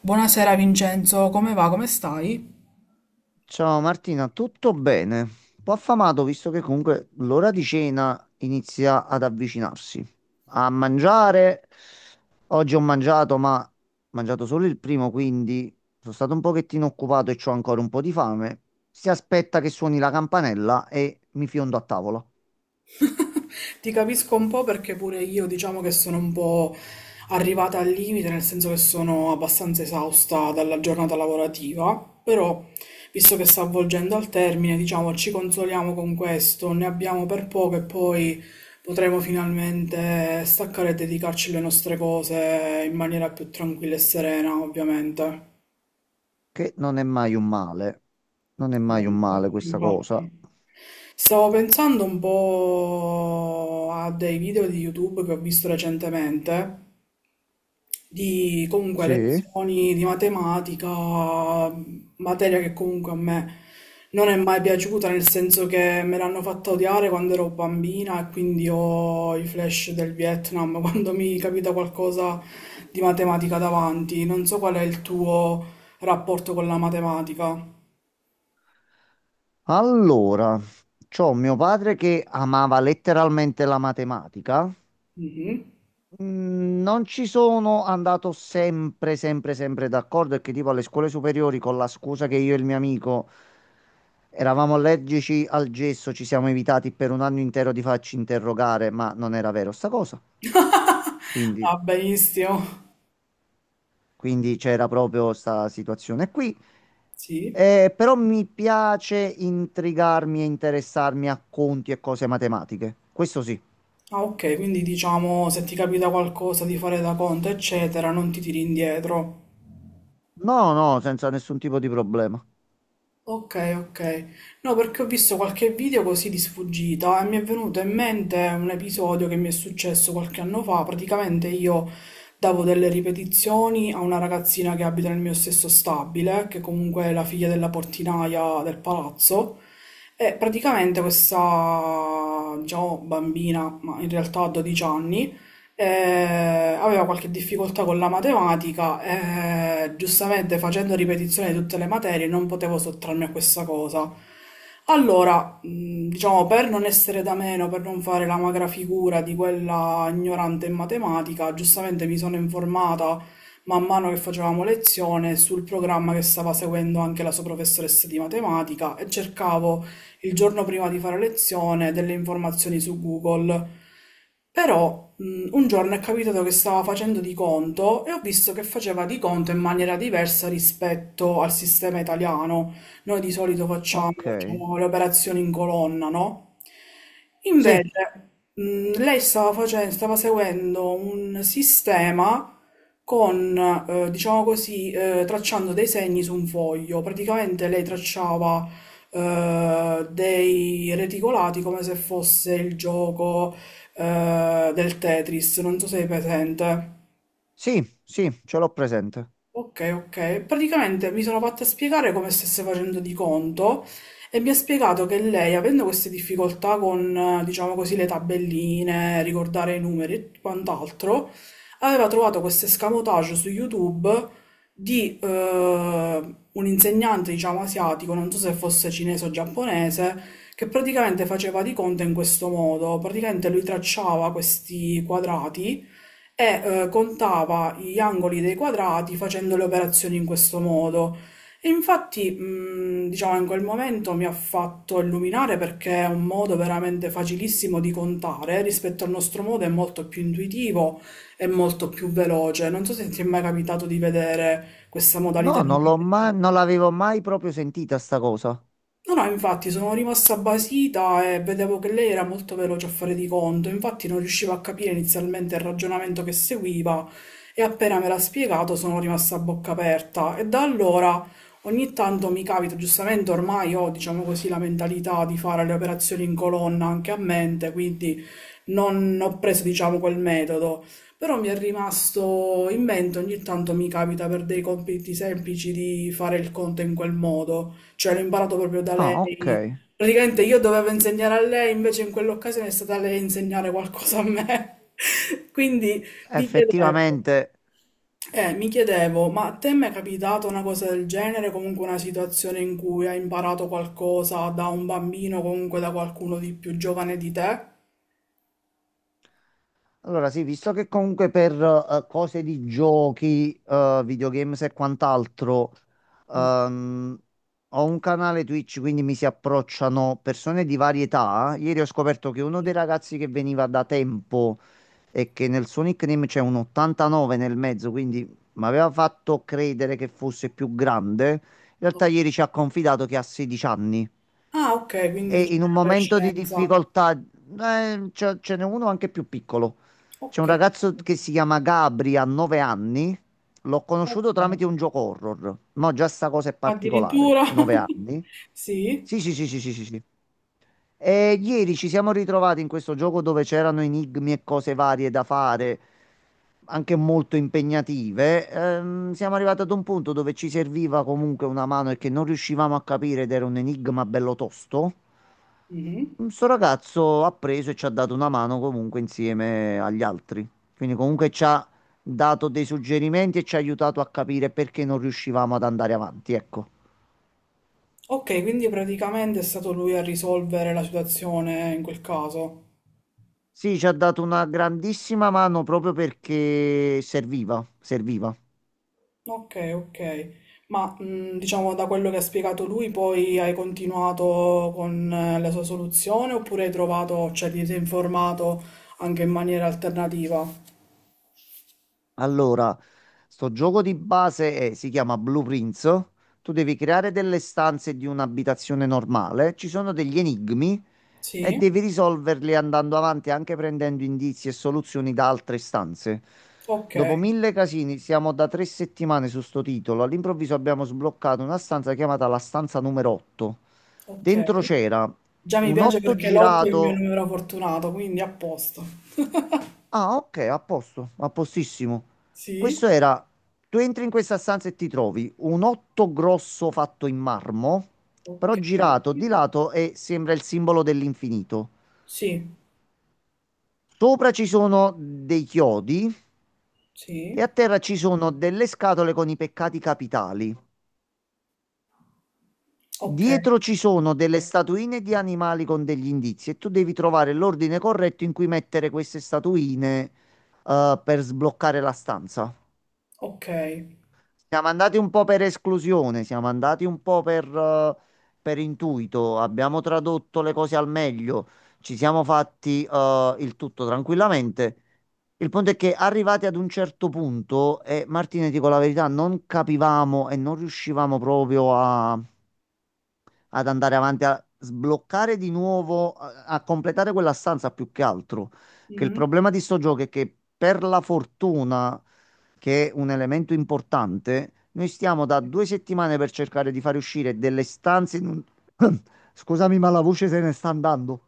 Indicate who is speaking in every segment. Speaker 1: Buonasera Vincenzo, come va? Come stai?
Speaker 2: Ciao Martina, tutto bene? Un po' affamato visto che comunque l'ora di cena inizia ad avvicinarsi. A mangiare, oggi ho mangiato, ma ho mangiato solo il primo, quindi sono stato un pochettino occupato e ho ancora un po' di fame. Si aspetta che suoni la campanella e mi fiondo a tavola,
Speaker 1: Ti capisco un po' perché pure io diciamo che sono un po' arrivata al limite, nel senso che sono abbastanza esausta dalla giornata lavorativa, però visto che sta avvolgendo al termine, diciamo ci consoliamo con questo, ne abbiamo per poco e poi potremo finalmente staccare e dedicarci alle nostre cose in maniera più tranquilla e serena, ovviamente.
Speaker 2: che non è mai un male. Non è mai un male
Speaker 1: Infatti,
Speaker 2: questa cosa.
Speaker 1: infatti. Stavo pensando un po' a dei video di YouTube che ho visto recentemente, di comunque
Speaker 2: Sì.
Speaker 1: lezioni di matematica, materia che comunque a me non è mai piaciuta, nel senso che me l'hanno fatta odiare quando ero bambina e quindi ho i flash del Vietnam quando mi capita qualcosa di matematica davanti. Non so qual è il tuo rapporto con la matematica.
Speaker 2: Allora, c'ho mio padre che amava letteralmente la matematica.
Speaker 1: Mhm.
Speaker 2: Non ci sono andato sempre, sempre, sempre d'accordo, è che tipo alle scuole superiori con la scusa che io e il mio amico eravamo allergici al gesso, ci siamo evitati per un anno intero di farci interrogare, ma non era vero sta cosa. Quindi,
Speaker 1: Ah, benissimo.
Speaker 2: quindi c'era proprio questa situazione qui.
Speaker 1: Sì.
Speaker 2: Però mi piace intrigarmi e interessarmi a conti e cose matematiche. Questo sì.
Speaker 1: Ah, ok, quindi diciamo se ti capita qualcosa di fare da conto, eccetera, non ti tiri indietro.
Speaker 2: No, no, senza nessun tipo di problema.
Speaker 1: Ok, ok. No, perché ho visto qualche video così di sfuggita e mi è venuto in mente un episodio che mi è successo qualche anno fa. Praticamente io davo delle ripetizioni a una ragazzina che abita nel mio stesso stabile, che comunque è la figlia della portinaia del palazzo. E praticamente questa, diciamo, bambina, ma in realtà a 12 anni, aveva qualche difficoltà con la matematica e giustamente facendo ripetizione di tutte le materie non potevo sottrarmi a questa cosa. Allora, diciamo, per non essere da meno, per non fare la magra figura di quella ignorante in matematica, giustamente mi sono informata man mano che facevamo lezione sul programma che stava seguendo anche la sua professoressa di matematica e cercavo il giorno prima di fare lezione delle informazioni su Google. Però un giorno è capitato che stava facendo di conto e ho visto che faceva di conto in maniera diversa rispetto al sistema italiano. Noi di solito facciamo,
Speaker 2: Ok.
Speaker 1: diciamo, le operazioni in colonna, no?
Speaker 2: Sì.
Speaker 1: Invece, lei stava seguendo un sistema con, diciamo così, tracciando dei segni su un foglio. Praticamente lei tracciava dei reticolati come se fosse il gioco del Tetris, non so se è presente.
Speaker 2: Sì, sì, ce l'ho presente.
Speaker 1: Ok, ok. Praticamente mi sono fatta spiegare come stesse facendo di conto e mi ha spiegato che lei, avendo queste difficoltà con, diciamo così, le tabelline, ricordare i numeri e quant'altro, aveva trovato questo escamotage su YouTube di un insegnante, diciamo, asiatico, non so se fosse cinese o giapponese, che praticamente faceva di conto in questo modo. Praticamente lui tracciava questi quadrati e contava gli angoli dei quadrati facendo le operazioni in questo modo. E infatti, diciamo, in quel momento mi ha fatto illuminare perché è un modo veramente facilissimo di contare, rispetto al nostro modo è molto più intuitivo e molto più veloce. Non so se ti è mai capitato di vedere questa
Speaker 2: No,
Speaker 1: modalità di...
Speaker 2: non l'ho mai, non l'avevo mai proprio sentita sta cosa.
Speaker 1: No, no, infatti sono rimasta basita e vedevo che lei era molto veloce a fare di conto, infatti non riuscivo a capire inizialmente il ragionamento che seguiva e appena me l'ha spiegato sono rimasta a bocca aperta e da allora ogni tanto mi capita, giustamente ormai ho, diciamo così, la mentalità di fare le operazioni in colonna anche a mente, quindi non ho preso, diciamo, quel metodo, però mi è rimasto in mente, ogni tanto mi capita per dei compiti semplici di fare il conto in quel modo, cioè l'ho imparato proprio da
Speaker 2: Ah, ok.
Speaker 1: lei. Praticamente io dovevo insegnare a lei, invece in quell'occasione è stata lei a insegnare qualcosa a me. Quindi mi chiedevo,
Speaker 2: Effettivamente.
Speaker 1: mi chiedevo, ma a te mi è capitata una cosa del genere, comunque una situazione in cui hai imparato qualcosa da un bambino, comunque da qualcuno di più giovane di te?
Speaker 2: Allora, sì, visto che comunque per cose di giochi, videogames e quant'altro, ehm, ho un canale Twitch, quindi mi si approcciano persone di varietà. Ieri ho scoperto che uno
Speaker 1: Sì.
Speaker 2: dei ragazzi che veniva da tempo e che nel suo nickname c'è un 89 nel mezzo, quindi mi aveva fatto credere che fosse più grande. In realtà ieri ci ha confidato che ha 16 anni
Speaker 1: Ah, ok, quindi
Speaker 2: e in
Speaker 1: diciamo
Speaker 2: un
Speaker 1: in
Speaker 2: momento di
Speaker 1: adolescenza.
Speaker 2: difficoltà, ce n'è uno anche più piccolo. C'è un
Speaker 1: Ok,
Speaker 2: ragazzo che si chiama Gabri, ha 9 anni. L'ho conosciuto
Speaker 1: ok.
Speaker 2: tramite un gioco horror. No, già sta cosa è particolare.
Speaker 1: Addirittura?
Speaker 2: 9 anni.
Speaker 1: Sì.
Speaker 2: Sì, sì, sì, sì, sì, sì, sì. E ieri ci siamo ritrovati in questo gioco dove c'erano enigmi e cose varie da fare, anche molto impegnative. Siamo arrivati ad un punto dove ci serviva comunque una mano e che non riuscivamo a capire ed era un enigma bello tosto.
Speaker 1: Mhm.
Speaker 2: Questo ragazzo ha preso e ci ha dato una mano comunque insieme agli altri. Quindi comunque ci ha dato dei suggerimenti e ci ha aiutato a capire perché non riuscivamo ad andare avanti, ecco.
Speaker 1: Ok, quindi praticamente è stato lui a risolvere la situazione in quel caso.
Speaker 2: Sì, ci ha dato una grandissima mano proprio perché serviva, serviva.
Speaker 1: Ok, ok. Ma diciamo da quello che ha spiegato lui, poi hai continuato con la sua soluzione oppure hai trovato, cioè ti sei informato anche in maniera alternativa?
Speaker 2: Allora, sto gioco di base è- si chiama Blueprints. Tu devi creare delle stanze di un'abitazione normale. Ci sono degli enigmi e
Speaker 1: Sì?
Speaker 2: devi risolverli andando avanti anche prendendo indizi e soluzioni da altre stanze.
Speaker 1: Ok,
Speaker 2: Dopo mille casini, siamo da 3 settimane su sto titolo. All'improvviso abbiamo sbloccato una stanza chiamata la stanza numero 8.
Speaker 1: ok.
Speaker 2: Dentro c'era
Speaker 1: Già mi
Speaker 2: un
Speaker 1: piace
Speaker 2: otto
Speaker 1: perché Lotto è il mio
Speaker 2: girato.
Speaker 1: numero fortunato, quindi a posto.
Speaker 2: Ah, ok, a posto, a postissimo.
Speaker 1: Sì?
Speaker 2: Questo era. Tu entri in questa stanza e ti trovi un otto grosso fatto in marmo,
Speaker 1: Ok.
Speaker 2: però girato di lato e sembra il simbolo dell'infinito.
Speaker 1: Sì,
Speaker 2: Sopra ci sono dei chiodi e
Speaker 1: sì.
Speaker 2: a terra ci sono delle scatole con i peccati capitali.
Speaker 1: Ok,
Speaker 2: Dietro ci sono delle statuine di animali con degli indizi e tu devi trovare l'ordine corretto in cui mettere queste statuine, per sbloccare la stanza.
Speaker 1: ok.
Speaker 2: Siamo andati un po' per esclusione, siamo andati un po' per intuito, abbiamo tradotto le cose al meglio, ci siamo fatti, il tutto tranquillamente. Il punto è che arrivati ad un certo punto, e Martina, ti dico la verità, non capivamo e non riuscivamo proprio a ad andare avanti a sbloccare di nuovo, a completare quella stanza più che altro. Che il
Speaker 1: Mm.
Speaker 2: problema di sto gioco è che per la fortuna, che è un elemento importante, noi stiamo da 2 settimane per cercare di fare uscire delle stanze in un... Scusami, ma la voce se ne sta andando.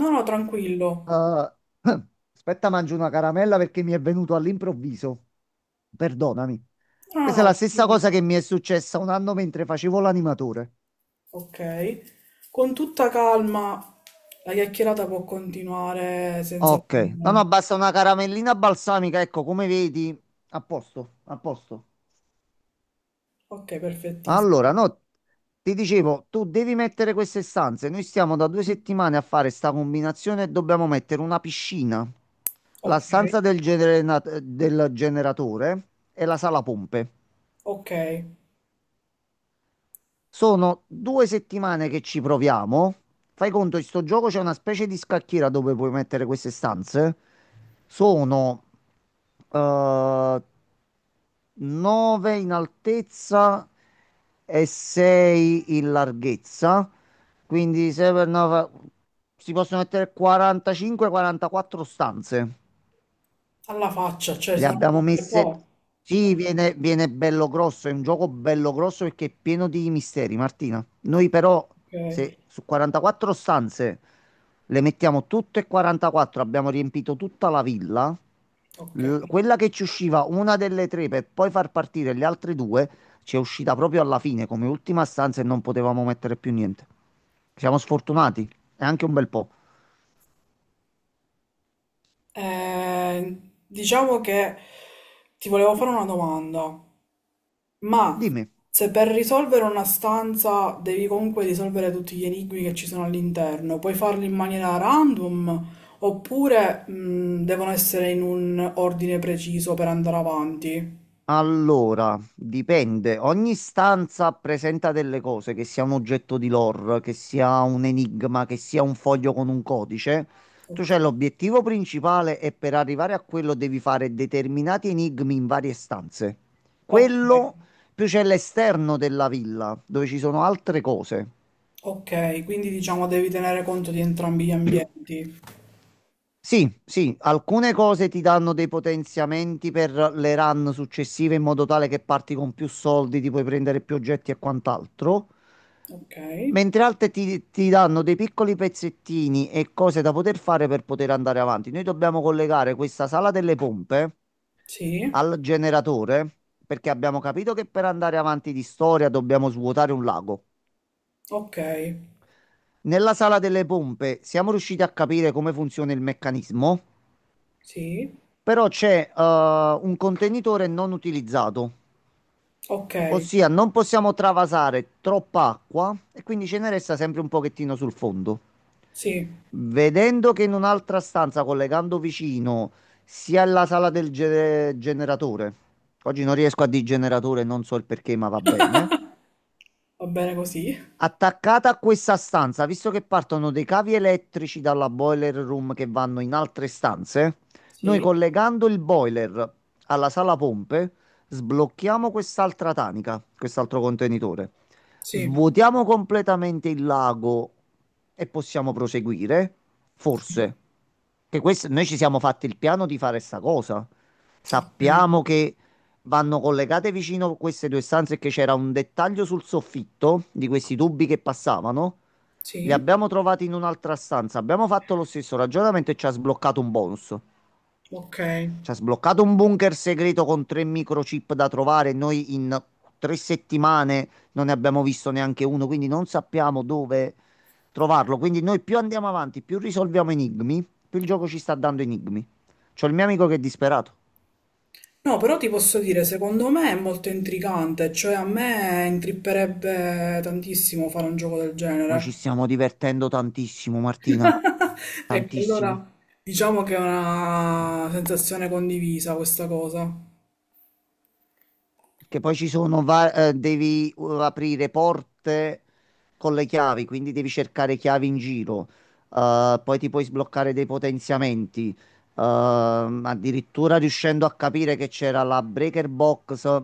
Speaker 1: No, no, tranquillo.
Speaker 2: Eh, aspetta, mangio una caramella perché mi è venuto all'improvviso. Perdonami.
Speaker 1: No,
Speaker 2: Questa è
Speaker 1: no,
Speaker 2: la
Speaker 1: no.
Speaker 2: stessa cosa che mi è successa un anno mentre facevo l'animatore.
Speaker 1: Ok. Con tutta calma la chiacchierata può continuare senza
Speaker 2: Ok, no,
Speaker 1: problemi.
Speaker 2: no, basta una caramellina balsamica, ecco, come vedi, a posto, a posto.
Speaker 1: Ok,
Speaker 2: Allora,
Speaker 1: perfettissimo.
Speaker 2: no, ti dicevo, tu devi mettere queste stanze, noi stiamo da due settimane a fare sta combinazione e dobbiamo mettere una piscina, la
Speaker 1: Ok,
Speaker 2: stanza del generatore e la sala pompe.
Speaker 1: ok.
Speaker 2: Sono 2 settimane che ci proviamo. Fai conto, in sto gioco c'è una specie di scacchiera dove puoi mettere queste stanze. Sono 3 9 in altezza e 6 in larghezza. Quindi 6 per 9 si possono mettere 45-44 stanze.
Speaker 1: Alla faccia, cioè
Speaker 2: Le
Speaker 1: sono
Speaker 2: abbiamo
Speaker 1: per
Speaker 2: messe.
Speaker 1: poco.
Speaker 2: Sì, viene, viene bello grosso. È un gioco bello grosso perché è pieno di misteri, Martina. Noi però,
Speaker 1: Ok,
Speaker 2: se su 44 stanze le mettiamo tutte e 44, abbiamo riempito tutta la villa.
Speaker 1: ok.
Speaker 2: Quella che ci usciva una delle tre per poi far partire le altre due, ci è uscita proprio alla fine come ultima stanza e non potevamo mettere più niente. Siamo sfortunati, è anche un bel po'.
Speaker 1: Eh, diciamo che ti volevo fare una domanda. Ma,
Speaker 2: Dimmi.
Speaker 1: se per risolvere una stanza devi comunque risolvere tutti gli enigmi che ci sono all'interno, puoi farli in maniera random oppure devono essere in un ordine preciso per andare avanti.
Speaker 2: Allora, dipende. Ogni stanza presenta delle cose, che sia un oggetto di lore, che sia un enigma, che sia un foglio con un codice. Tu
Speaker 1: Ok.
Speaker 2: c'hai l'obiettivo principale e per arrivare a quello devi fare determinati enigmi in varie stanze.
Speaker 1: Ok.
Speaker 2: Quello più c'è l'esterno della villa, dove ci sono altre cose.
Speaker 1: Ok, quindi diciamo devi tenere conto di entrambi gli ambienti.
Speaker 2: Sì, sì, alcune cose ti danno dei potenziamenti per le run successive in modo tale che parti con più soldi, ti puoi prendere più oggetti e quant'altro.
Speaker 1: Ok,
Speaker 2: Mentre altre ti danno dei piccoli pezzettini e cose da poter fare per poter andare avanti. Noi dobbiamo collegare questa sala delle pompe
Speaker 1: sì,
Speaker 2: al generatore perché abbiamo capito che per andare avanti di storia dobbiamo svuotare un lago.
Speaker 1: ok,
Speaker 2: Nella sala delle pompe siamo riusciti a capire come funziona il meccanismo,
Speaker 1: sì,
Speaker 2: però c'è un contenitore non utilizzato.
Speaker 1: ok,
Speaker 2: Ossia, non possiamo travasare troppa acqua e quindi ce ne resta sempre un pochettino sul fondo.
Speaker 1: sì,
Speaker 2: Vedendo che in un'altra stanza, collegando vicino, sia la sala generatore. Oggi non riesco a dire generatore, non so il perché, ma va bene.
Speaker 1: va bene così,
Speaker 2: Attaccata a questa stanza, visto che partono dei cavi elettrici dalla boiler room che vanno in altre stanze, noi
Speaker 1: sì,
Speaker 2: collegando il boiler alla sala pompe sblocchiamo quest'altra tanica, quest'altro contenitore.
Speaker 1: sì,
Speaker 2: Svuotiamo completamente il lago e possiamo proseguire.
Speaker 1: sì,
Speaker 2: Forse. Che questo, noi ci siamo fatti il piano di fare sta cosa.
Speaker 1: ok,
Speaker 2: Sappiamo che vanno collegate vicino queste due stanze che c'era un dettaglio sul soffitto di questi tubi che passavano. Li
Speaker 1: sì,
Speaker 2: abbiamo trovati in un'altra stanza. Abbiamo fatto lo stesso ragionamento e ci ha sbloccato un bonus.
Speaker 1: ok.
Speaker 2: Ci ha sbloccato un bunker segreto con tre microchip da trovare. Noi in 3 settimane non ne abbiamo visto neanche uno, quindi non sappiamo dove trovarlo. Quindi noi più andiamo avanti, più risolviamo enigmi, più il gioco ci sta dando enigmi. C'ho il mio amico che è disperato.
Speaker 1: No, però ti posso dire, secondo me è molto intrigante, cioè a me intripperebbe tantissimo fare un gioco del
Speaker 2: Noi
Speaker 1: genere.
Speaker 2: ci stiamo divertendo tantissimo, Martina,
Speaker 1: E che
Speaker 2: tantissimo.
Speaker 1: allora diciamo che è una sensazione condivisa questa cosa.
Speaker 2: Perché poi ci sono, devi aprire porte con le chiavi, quindi devi cercare chiavi in giro. Poi ti puoi sbloccare dei potenziamenti. Addirittura riuscendo a capire che c'era la breaker box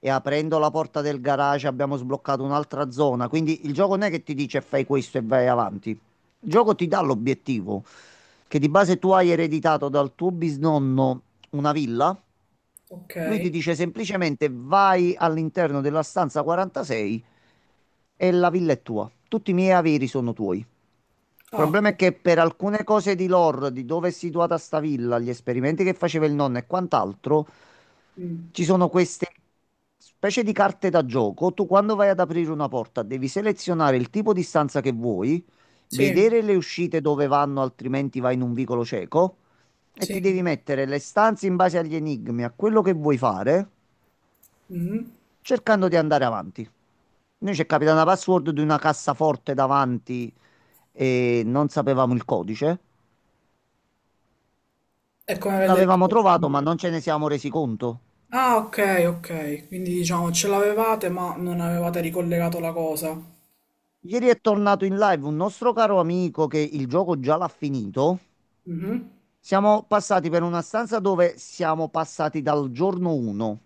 Speaker 2: e aprendo la porta del garage abbiamo sbloccato un'altra zona. Quindi il gioco non è che ti dice fai questo e vai avanti. Il gioco ti dà l'obiettivo, che di base tu hai ereditato dal tuo bisnonno una villa.
Speaker 1: Ok.
Speaker 2: Lui ti dice semplicemente vai all'interno della stanza 46 e la villa è tua. Tutti i miei averi sono tuoi. Il
Speaker 1: Ah,
Speaker 2: problema è
Speaker 1: beh,
Speaker 2: che per alcune cose di lore, di dove è situata sta villa, gli esperimenti che faceva il nonno e quant'altro,
Speaker 1: mm,
Speaker 2: ci sono queste specie di carte da gioco. Tu quando vai ad aprire una porta devi selezionare il tipo di stanza che vuoi,
Speaker 1: sì,
Speaker 2: vedere le uscite dove vanno, altrimenti vai in un vicolo cieco e ti devi
Speaker 1: sì.
Speaker 2: mettere le stanze in base agli enigmi, a quello che vuoi fare,
Speaker 1: Mhm.
Speaker 2: cercando di andare avanti. Noi ci è capitata una password di una cassaforte davanti e non sapevamo il codice.
Speaker 1: È come vedere...
Speaker 2: L'avevamo trovato, ma non ce ne siamo resi conto.
Speaker 1: Ah, ok, ok. Quindi diciamo ce l'avevate ma non avevate ricollegato la cosa.
Speaker 2: Ieri è tornato in live un nostro caro amico che il gioco già l'ha finito.
Speaker 1: Mhm.
Speaker 2: Siamo passati per una stanza dove siamo passati dal giorno 1.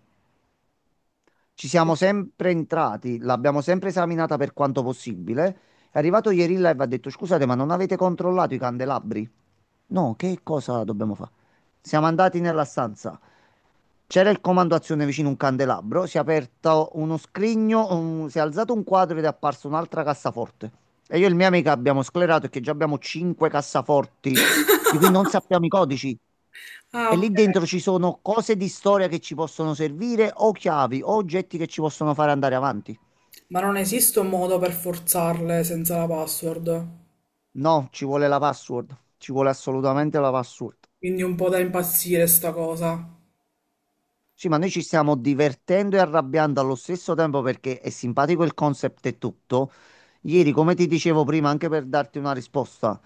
Speaker 2: Ci siamo sempre entrati, l'abbiamo sempre esaminata per quanto possibile. È arrivato ieri in live e ha detto: Scusate, ma non avete controllato i candelabri? No, che cosa dobbiamo fare? Siamo andati nella stanza. C'era il comando azione vicino un candelabro, si è aperto uno scrigno, si è alzato un quadro ed è apparsa un'altra cassaforte. E io e il mio amico abbiamo sclerato che già abbiamo 5 cassaforti di cui non sappiamo i codici.
Speaker 1: Ah,
Speaker 2: E
Speaker 1: ok.
Speaker 2: lì dentro ci sono cose di storia che ci possono servire, o chiavi, o oggetti che ci possono fare andare avanti.
Speaker 1: Ma non esiste un modo per forzarle senza la password.
Speaker 2: No, ci vuole la password. Ci vuole assolutamente la password.
Speaker 1: Quindi un po' da impazzire sta cosa.
Speaker 2: Sì, ma noi ci stiamo divertendo e arrabbiando allo stesso tempo perché è simpatico il concept e tutto.
Speaker 1: Sì,
Speaker 2: Ieri, come ti dicevo prima, anche per darti una risposta,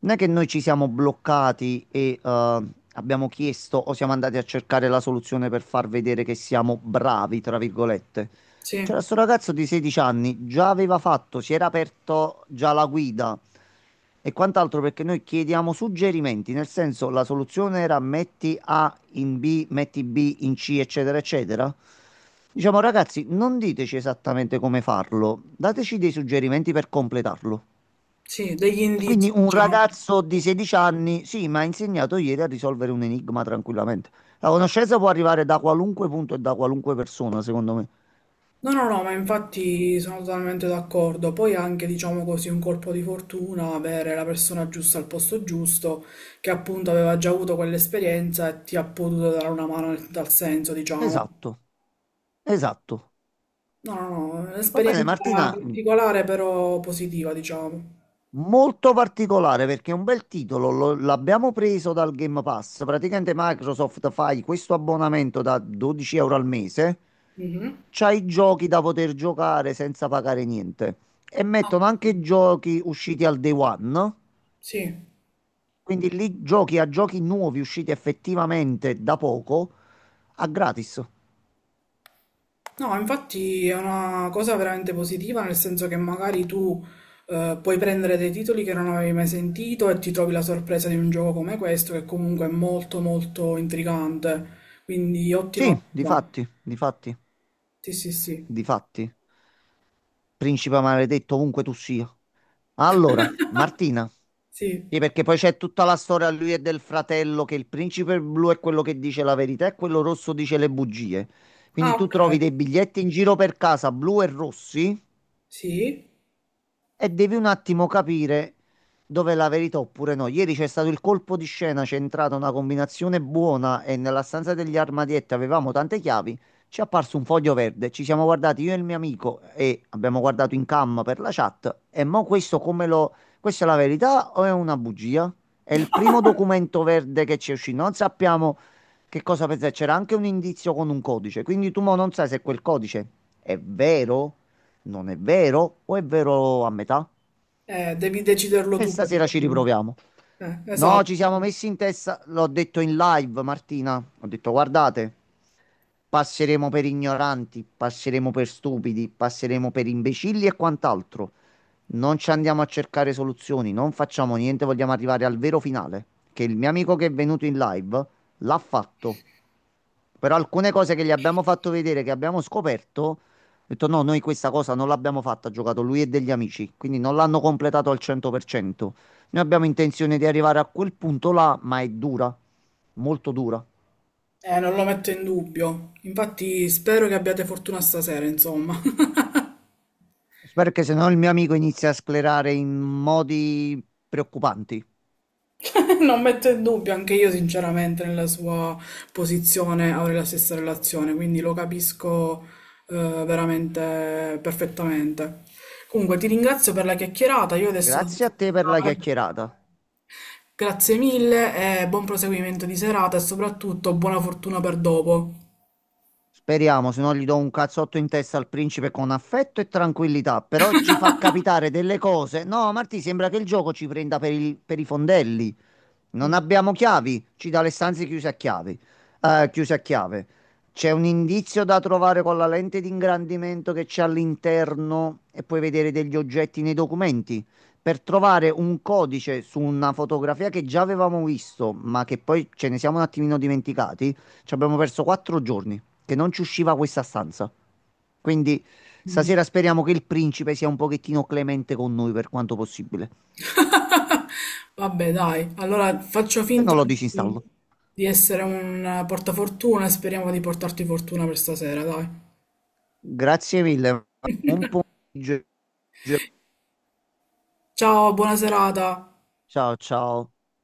Speaker 2: non è che noi ci siamo bloccati e abbiamo chiesto o siamo andati a cercare la soluzione per far vedere che siamo bravi, tra virgolette.
Speaker 1: sì,
Speaker 2: C'era sto ragazzo di 16 anni, già aveva fatto, si era aperto già la guida e quant'altro, perché noi chiediamo suggerimenti, nel senso la soluzione era metti A in B, metti B in C, eccetera, eccetera. Diciamo, ragazzi, non diteci esattamente come farlo, dateci dei suggerimenti per completarlo.
Speaker 1: sì, degli
Speaker 2: E quindi
Speaker 1: indizi,
Speaker 2: un
Speaker 1: diciamo.
Speaker 2: ragazzo di 16 anni, sì, mi ha insegnato ieri a risolvere un enigma tranquillamente. La conoscenza può arrivare da qualunque punto e da qualunque persona, secondo me.
Speaker 1: No, no, no, ma infatti sono totalmente d'accordo. Poi anche, diciamo così, un colpo di fortuna, avere la persona giusta al posto giusto, che appunto aveva già avuto quell'esperienza e ti ha potuto dare una mano dal senso, diciamo.
Speaker 2: Esatto, esatto.
Speaker 1: No, no, no, è
Speaker 2: Va bene,
Speaker 1: un'esperienza
Speaker 2: Martina,
Speaker 1: particolare però positiva, diciamo.
Speaker 2: molto particolare perché è un bel titolo, l'abbiamo preso dal Game Pass. Praticamente Microsoft, fai questo abbonamento da 12 euro al mese,
Speaker 1: Mhm.
Speaker 2: c'hai i giochi da poter giocare senza pagare niente e
Speaker 1: Ah,
Speaker 2: mettono anche giochi usciti al day one,
Speaker 1: sì.
Speaker 2: quindi lì giochi a giochi nuovi usciti effettivamente da poco a gratis.
Speaker 1: No, infatti è una cosa veramente positiva, nel senso che magari tu puoi prendere dei titoli che non avevi mai sentito e ti trovi la sorpresa di un gioco come questo, che comunque è molto molto intrigante. Quindi ottima
Speaker 2: Sì,
Speaker 1: cosa.
Speaker 2: difatti, difatti,
Speaker 1: Sì, sì, sì.
Speaker 2: difatti. Principe maledetto, ovunque tu sia. Allora, Martina,
Speaker 1: Sì.
Speaker 2: sì, perché poi c'è tutta la storia lui e del fratello, che il principe blu è quello che dice la verità e quello rosso dice le bugie.
Speaker 1: Ah,
Speaker 2: Quindi tu
Speaker 1: ok.
Speaker 2: trovi dei biglietti in giro per casa, blu e rossi,
Speaker 1: Sì.
Speaker 2: e devi un attimo capire dove è la verità oppure no. Ieri c'è stato il colpo di scena, c'è entrata una combinazione buona e nella stanza degli armadietti avevamo tante chiavi. Ci è apparso un foglio verde, ci siamo guardati io e il mio amico e abbiamo guardato in cam per la chat. E mo questo come lo... Questa è la verità o è una bugia? È il primo documento verde che ci è uscito, non sappiamo che cosa pensare. C'era anche un indizio con un codice, quindi tu mo non sai se quel codice è vero, non è vero? O è vero a metà?
Speaker 1: Devi deciderlo
Speaker 2: E
Speaker 1: tu
Speaker 2: stasera ci
Speaker 1: praticamente.
Speaker 2: riproviamo. No, ci
Speaker 1: Esatto.
Speaker 2: siamo messi in testa, l'ho detto in live, Martina. Ho detto, guardate, passeremo per ignoranti, passeremo per stupidi, passeremo per imbecilli e quant'altro. Non ci andiamo a cercare soluzioni, non facciamo niente, vogliamo arrivare al vero finale. Che il mio amico, che è venuto in live, l'ha fatto. Però alcune cose che gli abbiamo fatto vedere, che abbiamo scoperto, ho detto no, noi questa cosa non l'abbiamo fatta, ha giocato lui e degli amici, quindi non l'hanno completato al 100%. Noi abbiamo intenzione di arrivare a quel punto là, ma è dura, molto dura.
Speaker 1: Non lo metto in dubbio. Infatti spero che abbiate fortuna stasera, insomma.
Speaker 2: Spero che se no il mio amico inizia a sclerare in modi preoccupanti.
Speaker 1: Non metto in dubbio, anche io sinceramente nella sua posizione avrei la stessa relazione, quindi lo capisco eh, veramente perfettamente. Comunque ti ringrazio per la chiacchierata, io adesso devo
Speaker 2: Grazie a te per la
Speaker 1: scappare.
Speaker 2: chiacchierata.
Speaker 1: Grazie mille e buon proseguimento di serata e soprattutto buona fortuna per dopo.
Speaker 2: Speriamo, se no gli do un cazzotto in testa al principe, con affetto e tranquillità, però ci fa capitare delle cose. No, Marti, sembra che il gioco ci prenda per per i fondelli. Non abbiamo chiavi, ci dà le stanze chiuse a chiavi, chiuse a chiave. C'è un indizio da trovare con la lente di ingrandimento che c'è all'interno e puoi vedere degli oggetti nei documenti. Per trovare un codice su una fotografia che già avevamo visto, ma che poi ce ne siamo un attimino dimenticati, ci abbiamo perso 4 giorni che non ci usciva questa stanza. Quindi
Speaker 1: Mm.
Speaker 2: stasera speriamo che il principe sia un pochettino clemente con noi per quanto possibile.
Speaker 1: Vabbè, dai, allora faccio
Speaker 2: Se
Speaker 1: finta
Speaker 2: no lo
Speaker 1: di,
Speaker 2: disinstallo.
Speaker 1: di essere un portafortuna e speriamo di portarti fortuna per stasera, dai.
Speaker 2: Grazie mille. Buon pomeriggio.
Speaker 1: Ciao, buona serata.
Speaker 2: Ciao ciao.